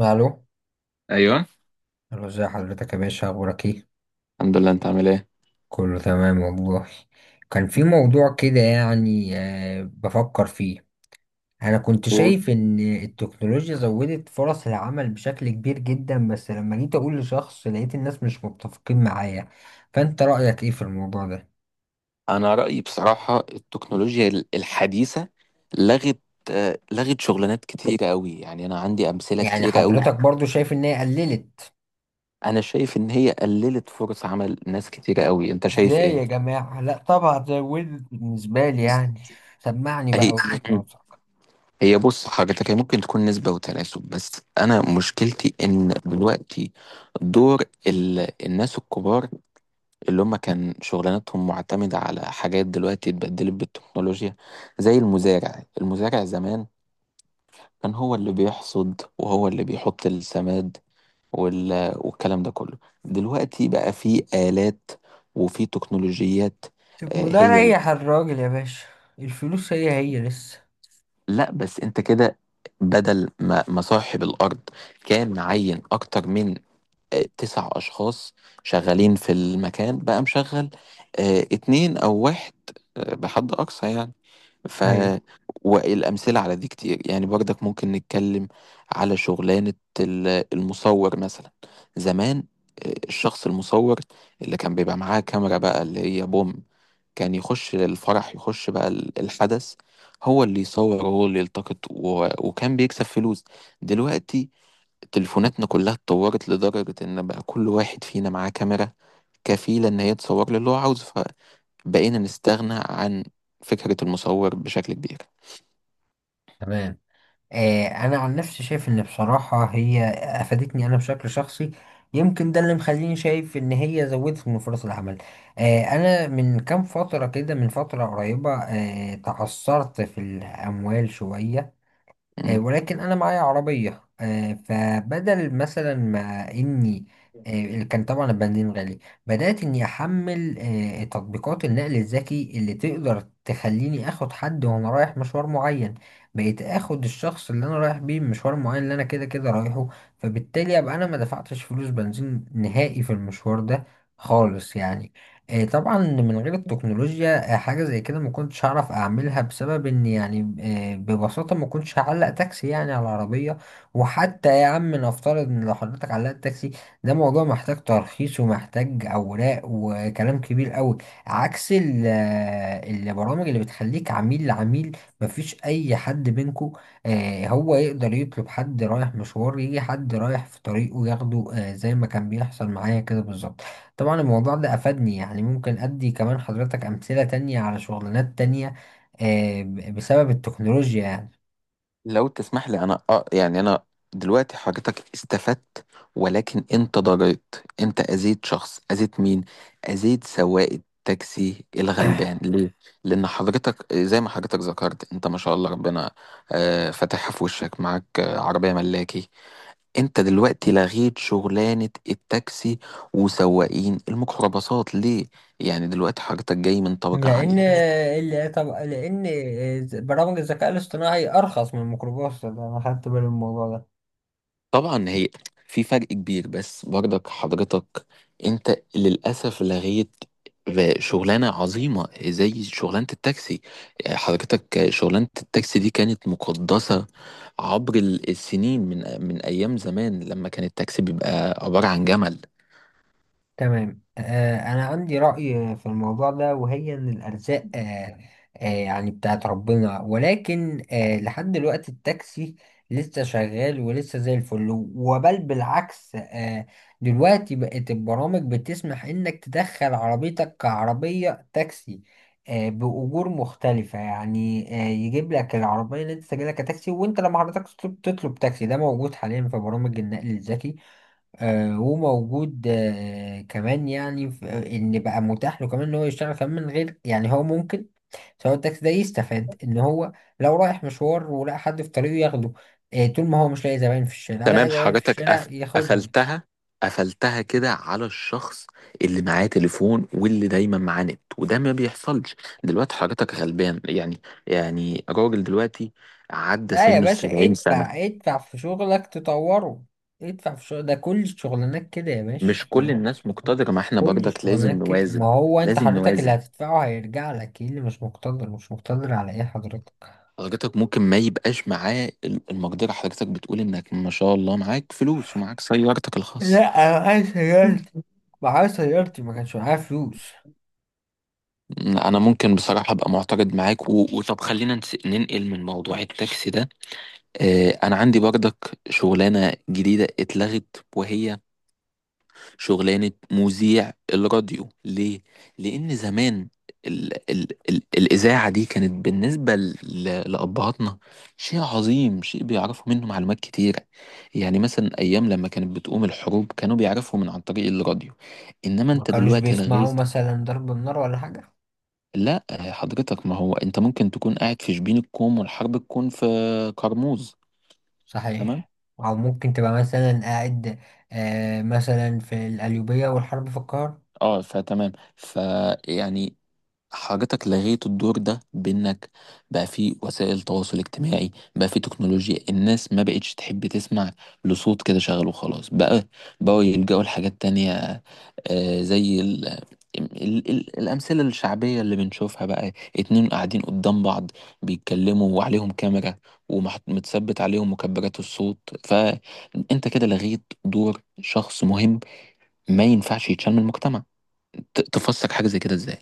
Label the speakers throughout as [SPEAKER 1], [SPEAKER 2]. [SPEAKER 1] الو.
[SPEAKER 2] ايوه.
[SPEAKER 1] الو، ازي حضرتك يا باشا؟ اخبارك ايه؟
[SPEAKER 2] الحمد لله، انت عامل ايه؟
[SPEAKER 1] كله تمام والله. كان في موضوع كده يعني، بفكر فيه. انا كنت
[SPEAKER 2] قول.
[SPEAKER 1] شايف ان التكنولوجيا زودت فرص العمل بشكل كبير جدا، بس لما جيت اقول لشخص لقيت الناس مش متفقين معايا. فانت رأيك ايه في الموضوع ده؟
[SPEAKER 2] انا رايي بصراحه، التكنولوجيا الحديثه لغت. لغت شغلانات كتيره قوي، يعني انا عندي امثله
[SPEAKER 1] يعني
[SPEAKER 2] كتيره قوي.
[SPEAKER 1] حضرتك برضو شايف ان هي قللت؟
[SPEAKER 2] انا شايف ان هي قللت فرص عمل ناس كتيره قوي، انت شايف
[SPEAKER 1] ازاي
[SPEAKER 2] ايه؟
[SPEAKER 1] يا جماعة؟ لا، طبعا زودت بالنسبة لي يعني. سمعني
[SPEAKER 2] هي
[SPEAKER 1] بقى وجهة نظرك.
[SPEAKER 2] هي بص حضرتك، هي ممكن تكون نسبة وتناسب، بس أنا مشكلتي إن دلوقتي دور الناس الكبار اللي هم كان شغلانتهم معتمدة على حاجات دلوقتي اتبدلت بالتكنولوجيا. زي المزارع، زمان كان هو اللي بيحصد وهو اللي بيحط السماد والكلام ده كله. دلوقتي بقى في آلات وفي تكنولوجيات. آه،
[SPEAKER 1] طب ما ده
[SPEAKER 2] هي ال-
[SPEAKER 1] ريح الراجل يا باشا. الفلوس هي هي لسه.
[SPEAKER 2] لا بس انت كده، بدل ما صاحب الأرض كان معين أكتر من تسع أشخاص شغالين في المكان، بقى مشغل اتنين أو واحد، بحد أقصى يعني. ف
[SPEAKER 1] ايوه.
[SPEAKER 2] والأمثلة على دي كتير، يعني برضك ممكن نتكلم على شغلانة المصور مثلا. زمان، الشخص المصور اللي كان بيبقى معاه كاميرا بقى، اللي هي بوم، كان يخش الفرح، يخش بقى الحدث، هو اللي يصور وهو اللي يلتقط، وكان بيكسب فلوس. دلوقتي تليفوناتنا كلها اتطورت لدرجة ان بقى كل واحد فينا معاه كاميرا كفيلة ان هي تصور له اللي هو عاوزه، فبقينا نستغنى عن فكرة المصور بشكل كبير.
[SPEAKER 1] تمام. انا عن نفسي شايف ان بصراحة هي افادتني انا بشكل شخصي. يمكن ده اللي مخليني شايف ان هي زودت من فرص العمل. انا من كام فترة كده، من فترة قريبة تعثرت في الاموال شوية.
[SPEAKER 2] مم.
[SPEAKER 1] ولكن انا معايا عربيه، فبدل مثلا ما اني، اللي كان طبعا البنزين غالي، بدات اني احمل تطبيقات النقل الذكي اللي تقدر تخليني اخد حد وانا رايح مشوار معين. بقيت اخد الشخص اللي انا رايح بيه مشوار معين، اللي انا كده كده رايحه. فبالتالي ابقى انا ما دفعتش فلوس بنزين نهائي في المشوار ده خالص يعني. إيه، طبعا من غير التكنولوجيا حاجة زي كده ما كنتش هعرف اعملها، بسبب ان يعني ببساطة ما كنتش هعلق تاكسي يعني على العربية. وحتى يا عم، نفترض ان لو حضرتك علقت تاكسي، ده موضوع محتاج ترخيص ومحتاج اوراق وكلام كبير قوي. عكس البرامج اللي بتخليك عميل لعميل، مفيش اي حد بينكو. هو يقدر يطلب حد رايح مشوار، يجي حد رايح في طريقه ياخده، زي ما كان بيحصل معايا كده بالظبط. طبعا الموضوع ده أفادني يعني. ممكن أدي كمان حضرتك أمثلة تانية على شغلانات تانية، بسبب التكنولوجيا يعني.
[SPEAKER 2] لو تسمح لي انا يعني انا دلوقتي حضرتك استفدت، ولكن انت ضريت، انت اذيت شخص، اذيت مين؟ اذيت سواق التاكسي الغلبان ليه؟ لان حضرتك زي ما حضرتك ذكرت، انت ما شاء الله ربنا فاتحها في وشك، معاك عربية ملاكي. انت دلوقتي لغيت شغلانة التاكسي وسواقين الميكروباصات ليه؟ يعني دلوقتي حضرتك جاي من طبقة عالية.
[SPEAKER 1] طب لأن برامج الذكاء الاصطناعي أرخص من الميكروباص، ده أنا خدت بالي من الموضوع ده.
[SPEAKER 2] طبعا هي في فرق كبير، بس برضك حضرتك انت للاسف لغيت شغلانه عظيمه زي شغلانه التاكسي. حضرتك شغلانه التاكسي دي كانت مقدسه عبر السنين، من ايام زمان لما كان التاكسي بيبقى عباره عن جمل.
[SPEAKER 1] تمام، أنا عندي رأي في الموضوع ده، وهي إن الأرزاق، يعني بتاعت ربنا، ولكن لحد دلوقتي التاكسي لسه شغال ولسه زي الفل، وبل بالعكس، دلوقتي بقت البرامج بتسمح إنك تدخل عربيتك كعربية تاكسي بأجور مختلفة يعني. يجيب لك العربية اللي أنت سجلها كتاكسي، وأنت لما حضرتك تطلب تاكسي ده موجود حاليا في برامج النقل الذكي. وموجود كمان يعني، ان بقى متاح له كمان ان هو يشتغل كمان من غير يعني. هو ممكن سواق التاكسي ده يستفاد ان هو لو رايح مشوار ولقى حد في طريقه ياخده، طول ما هو مش لاقي زباين في الشارع، لقى
[SPEAKER 2] تمام.
[SPEAKER 1] زباين في
[SPEAKER 2] حاجتك
[SPEAKER 1] الشارع ياخدهم.
[SPEAKER 2] قفلتها قفلتها كده على الشخص اللي معاه تليفون واللي دايما معاه نت، وده ما بيحصلش. دلوقتي حاجتك غلبان يعني، يعني راجل دلوقتي عدى
[SPEAKER 1] لا يا
[SPEAKER 2] سنه
[SPEAKER 1] باشا،
[SPEAKER 2] السبعين
[SPEAKER 1] ادفع
[SPEAKER 2] سنة.
[SPEAKER 1] ادفع في شغلك تطوره. ادفع في شغل. ده كل الشغلانات كده يا باشا،
[SPEAKER 2] مش كل الناس
[SPEAKER 1] خلاص.
[SPEAKER 2] مقتدرة، ما احنا
[SPEAKER 1] كل
[SPEAKER 2] برضك لازم
[SPEAKER 1] الشغلانات كده. ما
[SPEAKER 2] نوازن.
[SPEAKER 1] هو انت
[SPEAKER 2] لازم
[SPEAKER 1] حضرتك اللي
[SPEAKER 2] نوازن.
[SPEAKER 1] هتدفعه هيرجع لك، ايه اللي مش مقتدر؟ مش مقتدر على ايه حضرتك؟
[SPEAKER 2] حضرتك ممكن ما يبقاش معاه المقدرة، حضرتك بتقول انك ما شاء الله معاك فلوس ومعاك سيارتك
[SPEAKER 1] لا،
[SPEAKER 2] الخاصة.
[SPEAKER 1] انا معايا سيارتي. معايا سيارتي، ما كانش معايا فلوس.
[SPEAKER 2] انا ممكن بصراحة ابقى معترض معاك، وطب خلينا ننقل من موضوع التاكسي ده. انا عندي برضك شغلانه جديده اتلغت، وهي شغلانه مذيع الراديو ليه؟ لان زمان ال ال ال الاذاعه دي كانت بالنسبه لابهاتنا شيء عظيم، شيء بيعرفوا منه معلومات كتيره. يعني مثلا ايام لما كانت بتقوم الحروب كانوا بيعرفوا عن طريق الراديو. انما
[SPEAKER 1] ما
[SPEAKER 2] انت
[SPEAKER 1] كانوش
[SPEAKER 2] دلوقتي
[SPEAKER 1] بيسمعوا
[SPEAKER 2] لغيت.
[SPEAKER 1] مثلا ضرب النار ولا حاجة؟
[SPEAKER 2] لا حضرتك، ما هو انت ممكن تكون قاعد في شبين الكوم والحرب تكون في كرموز. تمام.
[SPEAKER 1] صحيح. او ممكن تبقى مثلا قاعد مثلا في القليوبية والحرب في القاهرة.
[SPEAKER 2] اه فتمام، فيعني حضرتك لغيت الدور ده بانك بقى في وسائل تواصل اجتماعي، بقى في تكنولوجيا. الناس ما بقتش تحب تسمع لصوت كده شغال وخلاص، بقى بقوا يلجأوا لحاجات تانية، زي ال ال ال الأمثلة الشعبية اللي بنشوفها بقى. اتنين قاعدين قدام بعض بيتكلموا، وعليهم كاميرا ومتثبت عليهم مكبرات الصوت. فأنت كده لغيت دور شخص مهم ما ينفعش يتشال من المجتمع. تفسر حاجة زي كده ازاي؟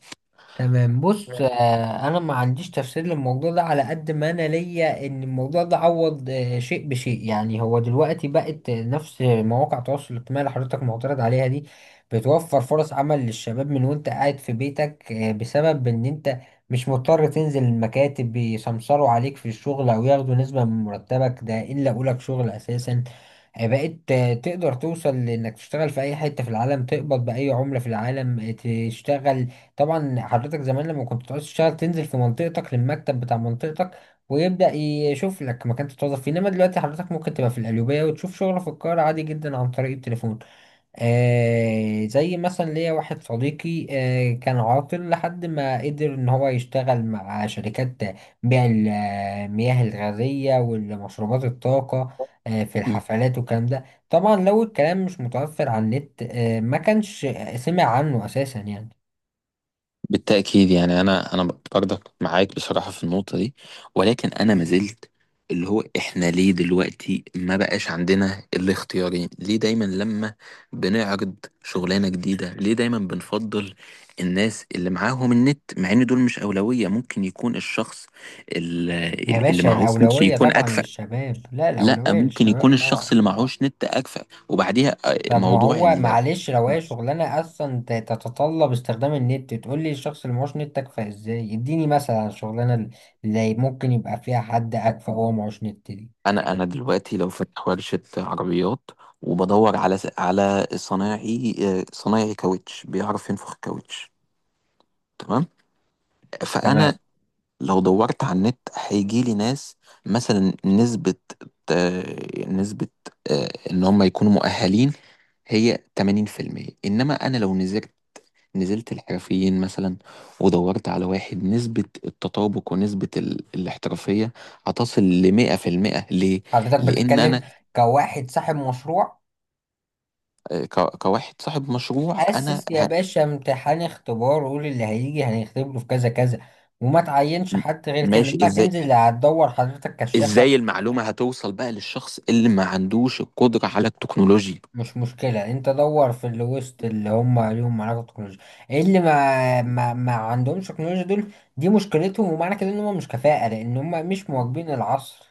[SPEAKER 1] تمام، بص، انا ما عنديش تفسير للموضوع ده. على قد ما انا ليا ان الموضوع ده عوض شيء بشيء. يعني هو دلوقتي بقت نفس مواقع التواصل الاجتماعي اللي حضرتك معترض عليها دي بتوفر فرص عمل للشباب، من وانت قاعد في بيتك، بسبب ان انت مش مضطر تنزل المكاتب بيسمسروا عليك في الشغل او ياخدوا نسبة من مرتبك، ده ان لقوا لك شغل اساسا. بقيت تقدر توصل لانك تشتغل في اي حتة في العالم، تقبض باي عملة في العالم، تشتغل. طبعا حضرتك زمان لما كنت تعوز تشتغل تنزل في منطقتك للمكتب بتاع منطقتك، ويبدأ يشوف لك مكان تتوظف فيه، انما دلوقتي حضرتك ممكن تبقى في القليوبية وتشوف شغل في القاهرة، عادي جدا، عن طريق التليفون. زي مثلا ليا واحد صديقي كان عاطل لحد ما قدر ان هو يشتغل مع شركات بيع المياه الغازية والمشروبات الطاقة في
[SPEAKER 2] مم.
[SPEAKER 1] الحفلات والكلام ده. طبعا لو الكلام مش متوفر على النت ما كانش سمع عنه اساسا يعني.
[SPEAKER 2] بالتأكيد، يعني أنا برضك معاك بصراحة في النقطة دي، ولكن أنا ما زلت، اللي هو إحنا ليه دلوقتي ما بقاش عندنا الاختيارين؟ ليه دايما لما بنعرض شغلانة جديدة ليه دايما بنفضل الناس اللي معاهم النت، مع إن دول مش أولوية؟ ممكن يكون الشخص
[SPEAKER 1] يا
[SPEAKER 2] اللي
[SPEAKER 1] باشا
[SPEAKER 2] معهوش نت
[SPEAKER 1] الأولوية
[SPEAKER 2] يكون
[SPEAKER 1] طبعا
[SPEAKER 2] أكفأ.
[SPEAKER 1] للشباب. لا،
[SPEAKER 2] لا،
[SPEAKER 1] الأولوية
[SPEAKER 2] ممكن
[SPEAKER 1] للشباب
[SPEAKER 2] يكون الشخص
[SPEAKER 1] طبعا.
[SPEAKER 2] اللي معهوش نت أكفأ. وبعديها
[SPEAKER 1] طب ما
[SPEAKER 2] موضوع
[SPEAKER 1] هو، معلش، لو هي شغلانة أصلا تتطلب استخدام النت، تقول لي الشخص اللي معهوش نت أكفأ إزاي؟ اديني مثلا على الشغلانة اللي ممكن يبقى فيها حد أكفأ وهو معهوش نت دي.
[SPEAKER 2] انا دلوقتي لو فاتح ورشه عربيات وبدور على صنايعي، صنايعي كاوتش بيعرف ينفخ كاوتش، تمام؟
[SPEAKER 1] تمام.
[SPEAKER 2] فانا لو دورت على النت هيجي لي ناس مثلا نسبه، آه، نسبه ان هم يكونوا مؤهلين هي 80%. انما انا لو نزلت، نزلت الحرفيين مثلا ودورت على واحد، نسبة التطابق ونسبة الاحترافية هتصل لمئة في المئة. ليه؟
[SPEAKER 1] حضرتك
[SPEAKER 2] لأن
[SPEAKER 1] بتتكلم
[SPEAKER 2] أنا
[SPEAKER 1] كواحد صاحب مشروع.
[SPEAKER 2] كواحد صاحب مشروع انا
[SPEAKER 1] أسس يا باشا امتحان، اختبار، وقول اللي هيجي هنختبره في كذا كذا، وما تعينش
[SPEAKER 2] م-
[SPEAKER 1] حد غير كده.
[SPEAKER 2] ماشي.
[SPEAKER 1] إنما
[SPEAKER 2] ازاي؟
[SPEAKER 1] تنزل، هتدور حضرتك كشافة؟
[SPEAKER 2] ازاي المعلومة هتوصل بقى للشخص اللي ما عندوش القدرة على التكنولوجيا؟
[SPEAKER 1] مش مشكلة، انت دور في اللي وسط اللي هم ليهم علاقة بالتكنولوجيا. ايه اللي ما عندهمش تكنولوجيا؟ دول دي مشكلتهم، ومعنى كده ان هم مش كفاءة، لان هم مش مواكبين العصر.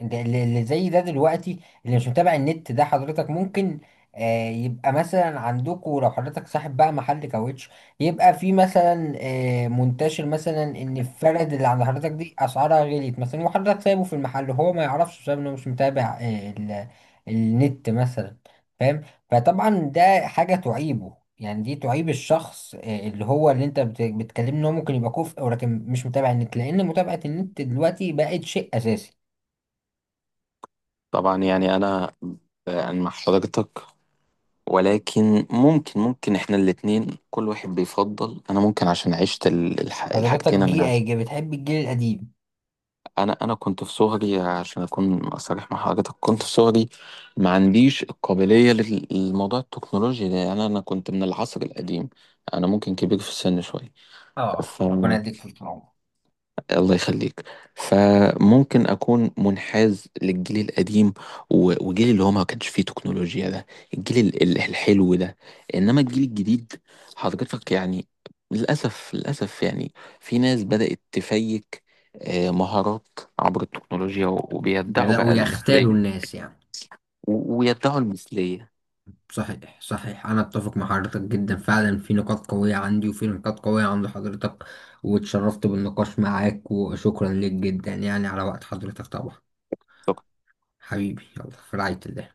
[SPEAKER 1] ده اللي زي ده دلوقتي، اللي مش متابع النت ده. حضرتك ممكن يبقى مثلا عندكم، لو حضرتك صاحب بقى محل كاوتش، يبقى في مثلا منتشر مثلا ان الفرد اللي عند حضرتك دي اسعارها غليت مثلا، وحضرتك سايبه في المحل وهو ما يعرفش، بسبب انه مش متابع النت مثلا. فاهم؟ فطبعا ده حاجة تعيبه. يعني دي تعيب الشخص، اللي هو اللي انت بتكلمني ان هو ممكن يبقى كفء ولكن مش متابع النت. لان متابعة النت دلوقتي بقت شيء اساسي.
[SPEAKER 2] طبعا يعني انا مع حضرتك، ولكن ممكن احنا الاتنين كل واحد بيفضل. انا ممكن عشان عشت
[SPEAKER 1] حضرتك
[SPEAKER 2] الحاجتين.
[SPEAKER 1] جي
[SPEAKER 2] انا
[SPEAKER 1] ايجا بتحب الجيل القديم.
[SPEAKER 2] انا انا كنت في صغري، عشان اكون صريح مع حضرتك، كنت في صغري ما عنديش القابلية للموضوع التكنولوجي ده، يعني انا كنت من العصر القديم، انا ممكن كبير في السن شوية.
[SPEAKER 1] اه،
[SPEAKER 2] ف
[SPEAKER 1] ربنا يديك في العمر.
[SPEAKER 2] الله يخليك. فممكن اكون منحاز للجيل القديم، وجيل اللي هو ما كانش فيه تكنولوجيا ده، الجيل الحلو ده. انما الجيل الجديد، حضرتك يعني للاسف، للاسف يعني في ناس بدأت تفيك مهارات عبر التكنولوجيا، وبيدعوا بقى
[SPEAKER 1] بدأوا يختالوا
[SPEAKER 2] المثلية،
[SPEAKER 1] الناس يعني.
[SPEAKER 2] ويدعوا المثلية.
[SPEAKER 1] صحيح، صحيح، أنا أتفق مع حضرتك جدا فعلا، في نقاط قوية عندي وفي نقاط قوية عند حضرتك. واتشرفت بالنقاش معاك، وشكرا ليك جدا يعني على وقت حضرتك طبعا. حبيبي، يلا، في رعاية الله.